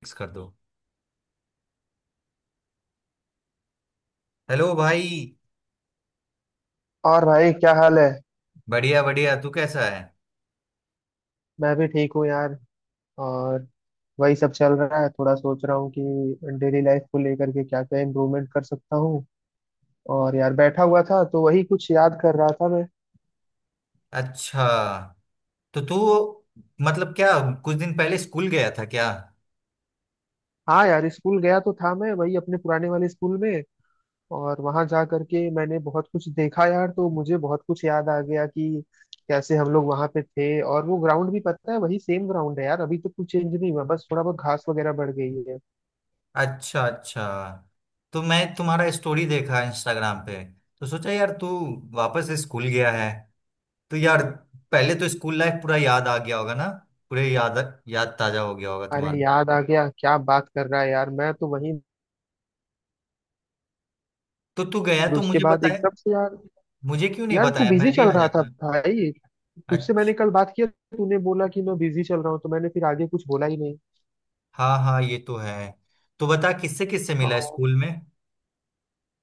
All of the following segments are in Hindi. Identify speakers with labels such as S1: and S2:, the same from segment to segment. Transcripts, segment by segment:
S1: फिक्स कर दो। हेलो भाई।
S2: और भाई क्या हाल है।
S1: बढ़िया बढ़िया, तू कैसा है।
S2: मैं भी ठीक हूँ यार। और वही सब चल रहा है, थोड़ा सोच रहा हूँ कि डेली लाइफ को लेकर के क्या क्या इम्प्रूवमेंट कर सकता हूँ। और यार बैठा हुआ था तो वही कुछ याद कर रहा था मैं।
S1: अच्छा। तो तू मतलब क्या, कुछ दिन पहले स्कूल गया था क्या।
S2: हाँ यार स्कूल गया तो था मैं, वही अपने पुराने वाले स्कूल में। और वहां जा करके मैंने बहुत कुछ देखा यार, तो मुझे बहुत कुछ याद आ गया कि कैसे हम लोग वहां पे थे। और वो ग्राउंड भी पता है वही सेम ग्राउंड है यार, अभी तो कुछ चेंज नहीं हुआ, बस थोड़ा बहुत घास वगैरह बढ़ गई है।
S1: अच्छा अच्छा। तो मैं तुम्हारा स्टोरी देखा इंस्टाग्राम पे, तो सोचा यार तू वापस स्कूल गया है। तो यार, पहले तो स्कूल लाइफ पूरा याद आ गया होगा ना। पूरे याद, याद ताजा हो गया होगा
S2: अरे
S1: तुम्हारा।
S2: याद आ गया, क्या बात कर रहा है यार, मैं तो वही,
S1: तो तू गया
S2: फिर
S1: तो
S2: उसके
S1: मुझे
S2: बाद
S1: बताया,
S2: एकदम से यार।
S1: मुझे क्यों नहीं
S2: यार तू
S1: बताया,
S2: बिजी
S1: मैं भी
S2: चल
S1: आ
S2: रहा था
S1: जाता।
S2: भाई, तुझसे मैंने
S1: अच्छा।
S2: कल बात किया। तूने बोला कि मैं बिजी चल रहा हूँ, तो मैंने फिर आगे कुछ बोला ही नहीं।
S1: हाँ हाँ, ये तो है। तो बता किससे किससे मिला
S2: और
S1: स्कूल में।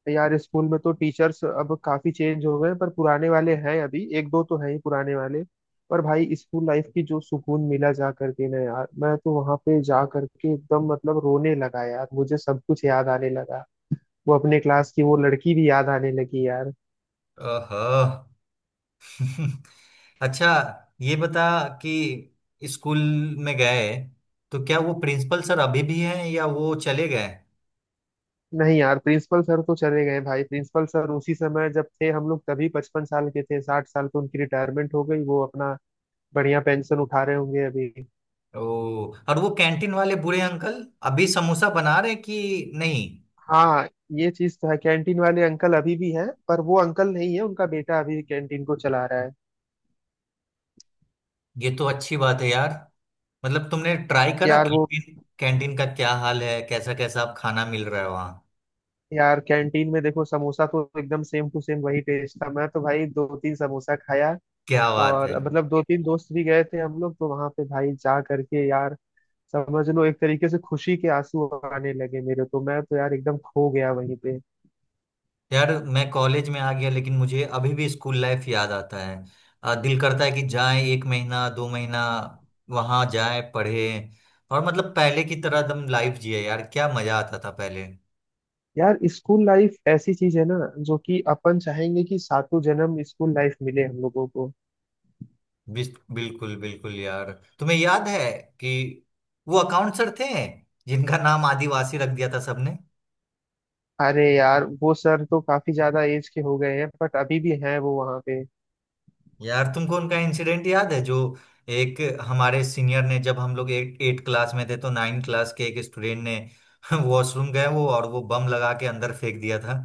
S2: यार स्कूल में तो टीचर्स अब काफी चेंज हो गए हैं, पर पुराने वाले हैं, अभी एक दो तो हैं ही पुराने वाले। पर भाई स्कूल लाइफ की जो सुकून मिला जा करके ना यार, मैं तो वहां पे जा करके एकदम मतलब रोने लगा यार, मुझे सब कुछ याद आने लगा। वो अपने क्लास की वो लड़की भी याद आने लगी यार।
S1: ओहो अच्छा, ये बता कि स्कूल में गए तो क्या वो प्रिंसिपल सर अभी भी हैं या वो चले गए।
S2: नहीं यार, प्रिंसिपल सर तो चले गए भाई। प्रिंसिपल सर उसी समय जब थे हम लोग तभी 55 साल के थे, 60 साल पे उनकी रिटायरमेंट हो गई। वो अपना बढ़िया पेंशन उठा रहे होंगे अभी।
S1: ओ, और वो कैंटीन वाले बूढ़े अंकल अभी समोसा बना रहे कि नहीं।
S2: हाँ, ये चीज तो है, कैंटीन वाले अंकल अभी भी हैं, पर वो अंकल नहीं है, उनका बेटा अभी कैंटीन को चला रहा है।
S1: ये तो अच्छी बात है यार। मतलब तुमने ट्राई करा
S2: यार वो
S1: कैंटीन, कैंटीन का क्या हाल है, कैसा कैसा अब खाना मिल रहा है वहाँ।
S2: यार कैंटीन में देखो समोसा तो एकदम सेम टू सेम वही टेस्ट था, मैं तो भाई दो तीन समोसा खाया।
S1: क्या बात है
S2: और मतलब दो तीन दोस्त भी गए थे हम लोग, तो वहां पे भाई जा करके यार समझ लो एक तरीके से खुशी के आंसू आने लगे मेरे। तो मैं तो यार एकदम खो गया वहीं पे।
S1: यार। मैं कॉलेज में आ गया लेकिन मुझे अभी भी स्कूल लाइफ याद आता है। दिल करता है कि जाएं एक महीना दो महीना, वहां जाएं पढ़े, और मतलब पहले की तरह दम लाइफ जिए यार, क्या मजा आता था पहले।
S2: यार स्कूल लाइफ ऐसी चीज है ना जो कि अपन चाहेंगे कि सातों जन्म स्कूल लाइफ मिले हम लोगों को।
S1: बिल्कुल बिल्कुल यार, तुम्हें याद है कि वो अकाउंट सर थे जिनका नाम आदिवासी रख दिया था सबने।
S2: अरे यार वो सर तो काफी ज्यादा एज के हो गए हैं, बट अभी भी हैं वो वहां पे।
S1: यार तुमको उनका इंसिडेंट याद है, जो एक हमारे सीनियर ने, जब हम लोग एट एट क्लास में थे तो 9 क्लास के एक स्टूडेंट ने वॉशरूम गए वो, और वो बम लगा के अंदर फेंक दिया था।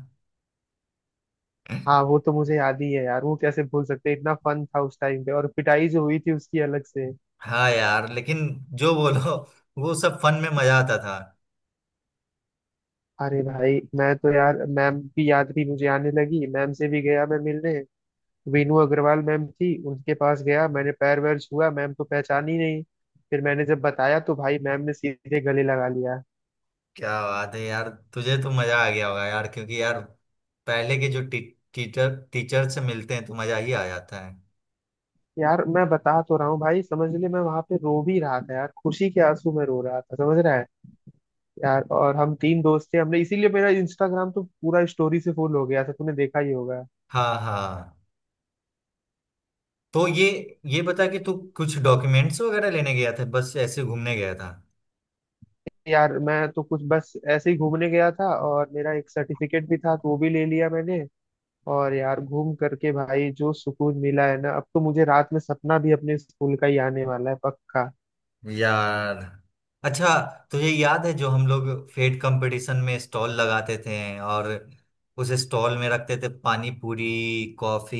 S2: हाँ, वो तो मुझे याद ही है यार, वो कैसे भूल सकते हैं, इतना फन था उस टाइम पे, और पिटाई जो हुई थी उसकी अलग से।
S1: हाँ यार, लेकिन जो बोलो, वो सब फन में मजा आता था।
S2: अरे भाई मैं तो यार मैम की याद भी मुझे आने लगी, मैम से भी गया मैं मिलने। वीनू अग्रवाल मैम थी, उनके पास गया, मैंने पैर वैर छुआ, मैम तो पहचानी नहीं। फिर मैंने जब बताया तो भाई मैम ने सीधे गले लगा लिया।
S1: क्या बात है यार, तुझे तो मजा आ गया होगा यार, क्योंकि यार पहले के जो टीचर टीचर से मिलते हैं तो मजा ही आ जाता है।
S2: यार मैं बता तो रहा हूँ भाई समझ ले, मैं वहां पे रो भी रहा था यार, खुशी के आंसू में रो रहा था समझ रहा है। यार और हम तीन दोस्त थे हमने, इसीलिए मेरा इंस्टाग्राम तो पूरा स्टोरी से फुल हो गया था, तूने देखा ही होगा।
S1: हाँ हाँ। तो ये बता कि तू कुछ डॉक्यूमेंट्स वगैरह लेने गया था बस ऐसे घूमने गया था।
S2: यार मैं तो कुछ बस ऐसे ही घूमने गया था, और मेरा एक सर्टिफिकेट भी था तो वो भी ले लिया मैंने। और यार घूम करके भाई जो सुकून मिला है ना, अब तो मुझे रात में सपना भी अपने स्कूल का ही आने वाला है पक्का।
S1: यार। अच्छा, तुझे याद है जो हम लोग फेड कंपटीशन में स्टॉल लगाते थे, और उस स्टॉल में रखते थे पानी पूरी, कॉफी,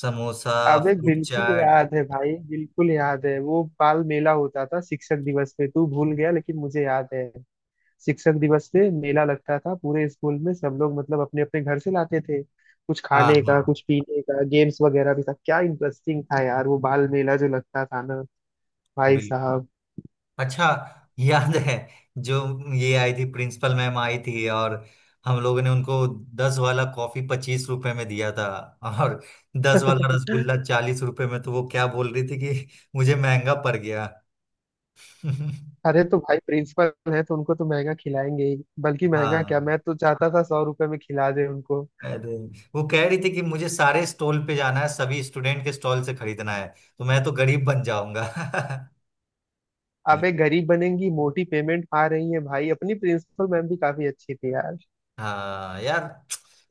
S1: समोसा,
S2: अबे
S1: फूड
S2: बिल्कुल
S1: चाट।
S2: याद है भाई, बिल्कुल याद है, वो बाल मेला होता था शिक्षक दिवस पे, तू भूल गया लेकिन मुझे याद है। शिक्षक दिवस पे मेला लगता था पूरे स्कूल में, सब लोग मतलब अपने अपने घर से लाते थे कुछ
S1: हाँ
S2: खाने का
S1: हाँ,
S2: कुछ पीने का, गेम्स वगैरह भी था, क्या इंटरेस्टिंग था यार वो बाल मेला जो लगता था ना। भाई साहब।
S1: बिल्कुल। अच्छा, याद है जो ये आई थी प्रिंसिपल मैम आई थी, और हम लोगों ने उनको 10 वाला कॉफी 25 रुपए में दिया था, और 10 वाला रसगुल्ला 40 रुपए में, तो वो क्या बोल रही थी कि मुझे महंगा पड़ गया
S2: अरे तो भाई, प्रिंसिपल है तो उनको तो महंगा खिलाएंगे ही, बल्कि महंगा क्या,
S1: हाँ,
S2: मैं तो चाहता था 100 रुपए में खिला दे उनको।
S1: अरे वो कह रही थी कि मुझे सारे स्टॉल पे जाना है, सभी स्टूडेंट के स्टॉल से खरीदना है, तो मैं तो गरीब बन जाऊंगा
S2: अबे गरीब बनेंगी, मोटी पेमेंट आ रही है भाई। अपनी प्रिंसिपल मैम भी काफी अच्छी थी यार।
S1: हाँ यार,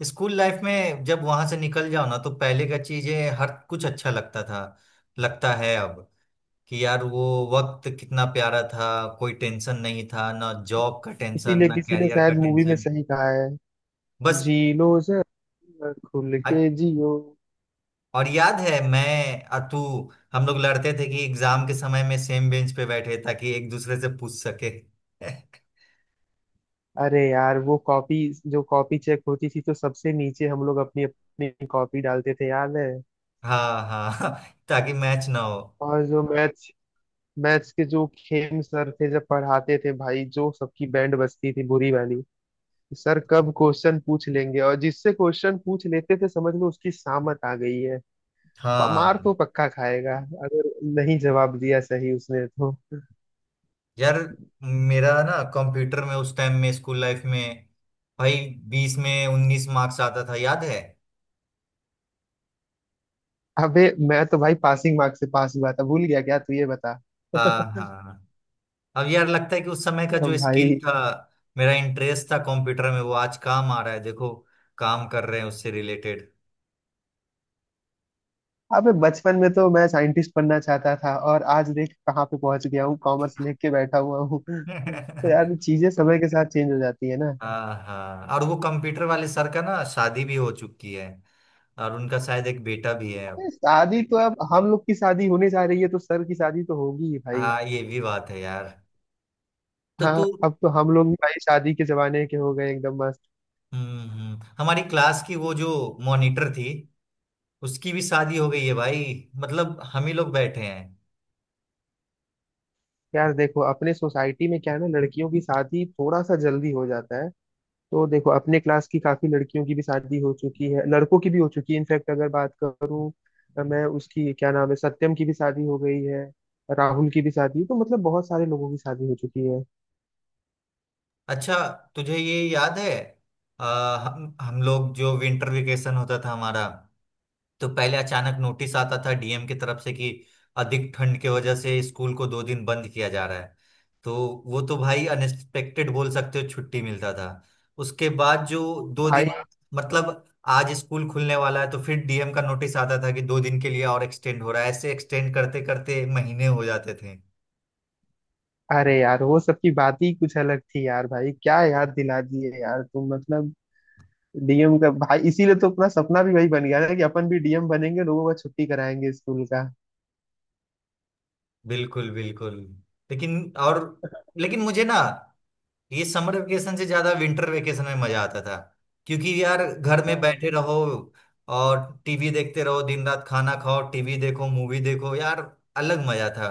S1: स्कूल लाइफ में जब वहां से निकल जाओ ना, तो पहले का चीजें हर कुछ अच्छा लगता था, लगता है अब कि यार वो वक्त कितना प्यारा था, कोई टेंशन नहीं था, ना जॉब का टेंशन
S2: इसीलिए
S1: ना
S2: किसी ने
S1: कैरियर
S2: शायद
S1: का
S2: मूवी में
S1: टेंशन।
S2: सही कहा है,
S1: बस।
S2: जी लो जरा खुल के जियो।
S1: और याद है, मैं, अतु हम लोग लड़ते थे कि एग्जाम के समय में सेम बेंच पे बैठे, ताकि एक दूसरे से पूछ सके
S2: अरे यार वो कॉपी, जो कॉपी चेक होती थी तो सबसे नीचे हम लोग अपनी अपनी कॉपी डालते थे याद है।
S1: हाँ हाँ, ताकि मैच ना हो।
S2: और जो मैथ्स मैथ्स के जो खेम सर थे जब पढ़ाते थे भाई, जो सबकी बैंड बजती थी बुरी वाली। सर कब क्वेश्चन पूछ लेंगे, और जिससे क्वेश्चन पूछ लेते थे समझ लो उसकी सामत आ गई है। मार
S1: हाँ
S2: तो पक्का खाएगा, अगर नहीं जवाब दिया सही उसने तो।
S1: यार, मेरा ना कंप्यूटर में उस टाइम में स्कूल लाइफ में, भाई, 20 में 19 मार्क्स आता था, याद है।
S2: अबे मैं तो भाई पासिंग मार्क्स से पास हुआ था, भूल गया क्या तू, ये बता।
S1: हाँ हाँ। अब यार लगता है कि उस समय का जो स्किल
S2: भाई,
S1: था, मेरा इंटरेस्ट था कंप्यूटर में, वो आज काम आ रहा है देखो, काम कर रहे हैं उससे रिलेटेड
S2: अबे बचपन में तो मैं साइंटिस्ट बनना चाहता था, और आज देख कहाँ पे पहुंच गया हूँ, कॉमर्स लेके बैठा हुआ हूँ। तो यार चीजें समय के साथ चेंज हो जाती है ना।
S1: हाँ हाँ, और वो कंप्यूटर वाले सर का ना शादी भी हो चुकी है, और उनका शायद एक बेटा भी है अब।
S2: अरे शादी तो, अब हम लोग की शादी होने जा रही है, तो सर की शादी तो होगी ही भाई।
S1: हाँ, ये भी बात है यार। तो
S2: हाँ,
S1: तू।
S2: अब तो हम लोग भी भाई शादी के जमाने के हो गए, एकदम मस्त।
S1: हमारी क्लास की वो जो मॉनिटर थी, उसकी भी शादी हो गई है भाई, मतलब हम ही लोग बैठे हैं।
S2: यार देखो अपने सोसाइटी में क्या है ना, लड़कियों की शादी थोड़ा सा जल्दी हो जाता है, तो देखो अपने क्लास की काफी लड़कियों की भी शादी हो चुकी है, लड़कों की भी हो चुकी है। इनफैक्ट अगर बात करूँ मैं, उसकी क्या नाम है, सत्यम की भी शादी हो गई है, राहुल की भी शादी, तो मतलब बहुत सारे लोगों की शादी हो चुकी है
S1: अच्छा, तुझे ये याद है, हम लोग जो विंटर वेकेशन होता था हमारा, तो पहले अचानक नोटिस आता था डीएम की तरफ से कि अधिक ठंड की वजह से स्कूल को 2 दिन बंद किया जा रहा है, तो वो तो भाई अनएक्सपेक्टेड बोल सकते हो, छुट्टी मिलता था। उसके बाद जो दो
S2: भाई।
S1: दिन मतलब आज स्कूल खुलने वाला है, तो फिर डीएम का नोटिस आता था कि 2 दिन के लिए और एक्सटेंड हो रहा है, ऐसे एक्सटेंड करते करते महीने हो जाते थे।
S2: अरे यार वो सब की बात ही कुछ अलग थी यार भाई, क्या याद दिला दिए यार तुम, मतलब डीएम का भाई, इसीलिए तो अपना सपना भी वही बन गया ना कि अपन भी डीएम बनेंगे, लोगों का छुट्टी कराएंगे स्कूल का।
S1: बिल्कुल बिल्कुल। लेकिन और लेकिन मुझे ना, ये समर वेकेशन से ज्यादा विंटर वेकेशन में मजा आता था, क्योंकि यार घर में बैठे रहो, और टीवी देखते रहो, दिन रात खाना खाओ, टीवी देखो, मूवी देखो यार, अलग मजा था।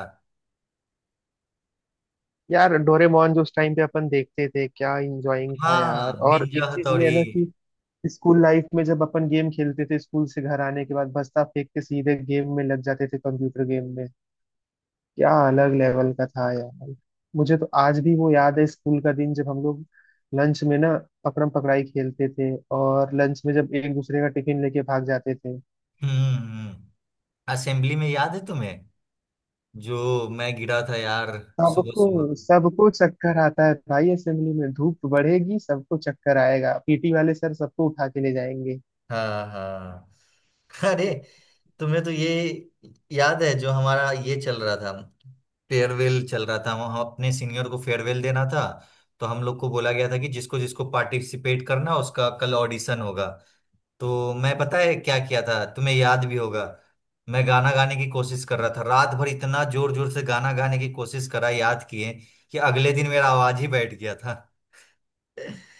S2: यार डोरेमोन जो उस टाइम पे अपन देखते थे, क्या इंजॉयिंग था
S1: हाँ,
S2: यार। और
S1: निंजा
S2: एक चीज ये है
S1: हथौड़ी।
S2: ना कि स्कूल लाइफ में जब अपन गेम खेलते थे, स्कूल से घर आने के बाद बस्ता फेंक के सीधे गेम में लग जाते थे, कंप्यूटर गेम में, क्या अलग लेवल का था यार। मुझे तो आज भी वो याद है, स्कूल का दिन जब हम लोग लंच में ना पकड़म पकड़ाई खेलते थे, और लंच में जब एक दूसरे का टिफिन लेके भाग जाते थे।
S1: हम्म हम्म, हम्म। असेंबली में याद है तुम्हें, जो मैं गिरा था यार, सुबह।
S2: सबको सबको चक्कर आता है भाई असेंबली में, धूप बढ़ेगी सबको चक्कर आएगा, पीटी वाले सर सबको उठा के ले जाएंगे।
S1: हाँ हाँ। हाँ, अरे, तुम्हें तो ये याद है जो हमारा ये चल रहा था, फेयरवेल चल रहा था, हम अपने सीनियर को फेयरवेल देना था, तो हम लोग को बोला गया था कि जिसको जिसको पार्टिसिपेट करना उसका कल ऑडिशन होगा, तो मैं पता है क्या किया था, तुम्हें याद भी होगा। मैं गाना गाने की कोशिश कर रहा था रात भर, इतना जोर जोर से गाना गाने की कोशिश करा, याद किए कि अगले दिन मेरा आवाज ही बैठ गया था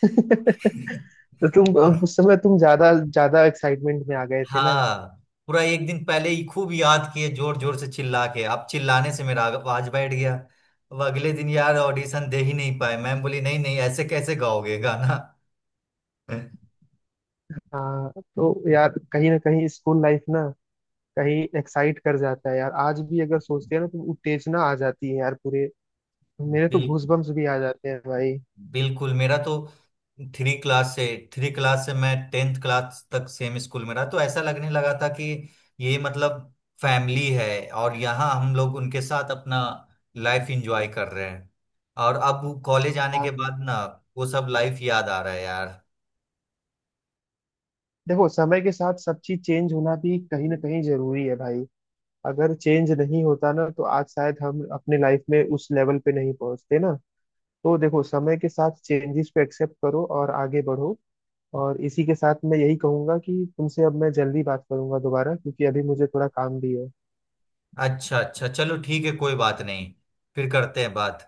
S2: तो तुम अब उस समय तुम ज्यादा ज्यादा एक्साइटमेंट में आ गए थे ना।
S1: हाँ, पूरा एक दिन पहले ही खूब याद किए, जोर जोर से चिल्ला के, आप चिल्लाने से मेरा आवाज बैठ गया, अब अगले दिन यार ऑडिशन दे ही नहीं पाए, मैम बोली नहीं नहीं, ऐसे कैसे गाओगे गाना।
S2: हाँ तो यार कहीं ना कहीं स्कूल लाइफ ना कहीं एक्साइट कर जाता है यार, आज भी अगर सोचते हैं ना तो उत्तेजना आ जाती है यार पूरे, मेरे तो
S1: बिल,
S2: गूजबम्स भी आ जाते हैं भाई।
S1: बिल्कुल। मेरा तो थ्री क्लास से 3 क्लास से मैं 10th क्लास तक सेम स्कूल में रहा, तो ऐसा लगने लगा था कि ये मतलब फैमिली है, और यहाँ हम लोग उनके साथ अपना लाइफ एंजॉय कर रहे हैं, और अब कॉलेज आने
S2: हाँ,
S1: के बाद ना, वो सब लाइफ याद आ रहा है यार।
S2: देखो समय के साथ सब चीज चेंज होना भी कहीं ना कहीं जरूरी है भाई, अगर चेंज नहीं होता ना तो आज शायद हम अपने लाइफ में उस लेवल पे नहीं पहुंचते ना, तो देखो समय के साथ चेंजेस को एक्सेप्ट करो और आगे बढ़ो। और इसी के साथ मैं यही कहूंगा कि तुमसे अब मैं जल्दी बात करूंगा दोबारा, क्योंकि अभी मुझे थोड़ा काम भी है।
S1: अच्छा अच्छा, चलो ठीक है, कोई बात नहीं, फिर करते हैं बात।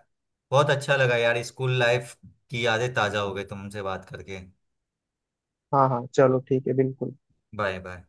S1: बहुत अच्छा लगा यार, स्कूल लाइफ की यादें ताजा हो गई तुमसे बात करके।
S2: हाँ हाँ, चलो ठीक है, बिल्कुल।
S1: Bye bye.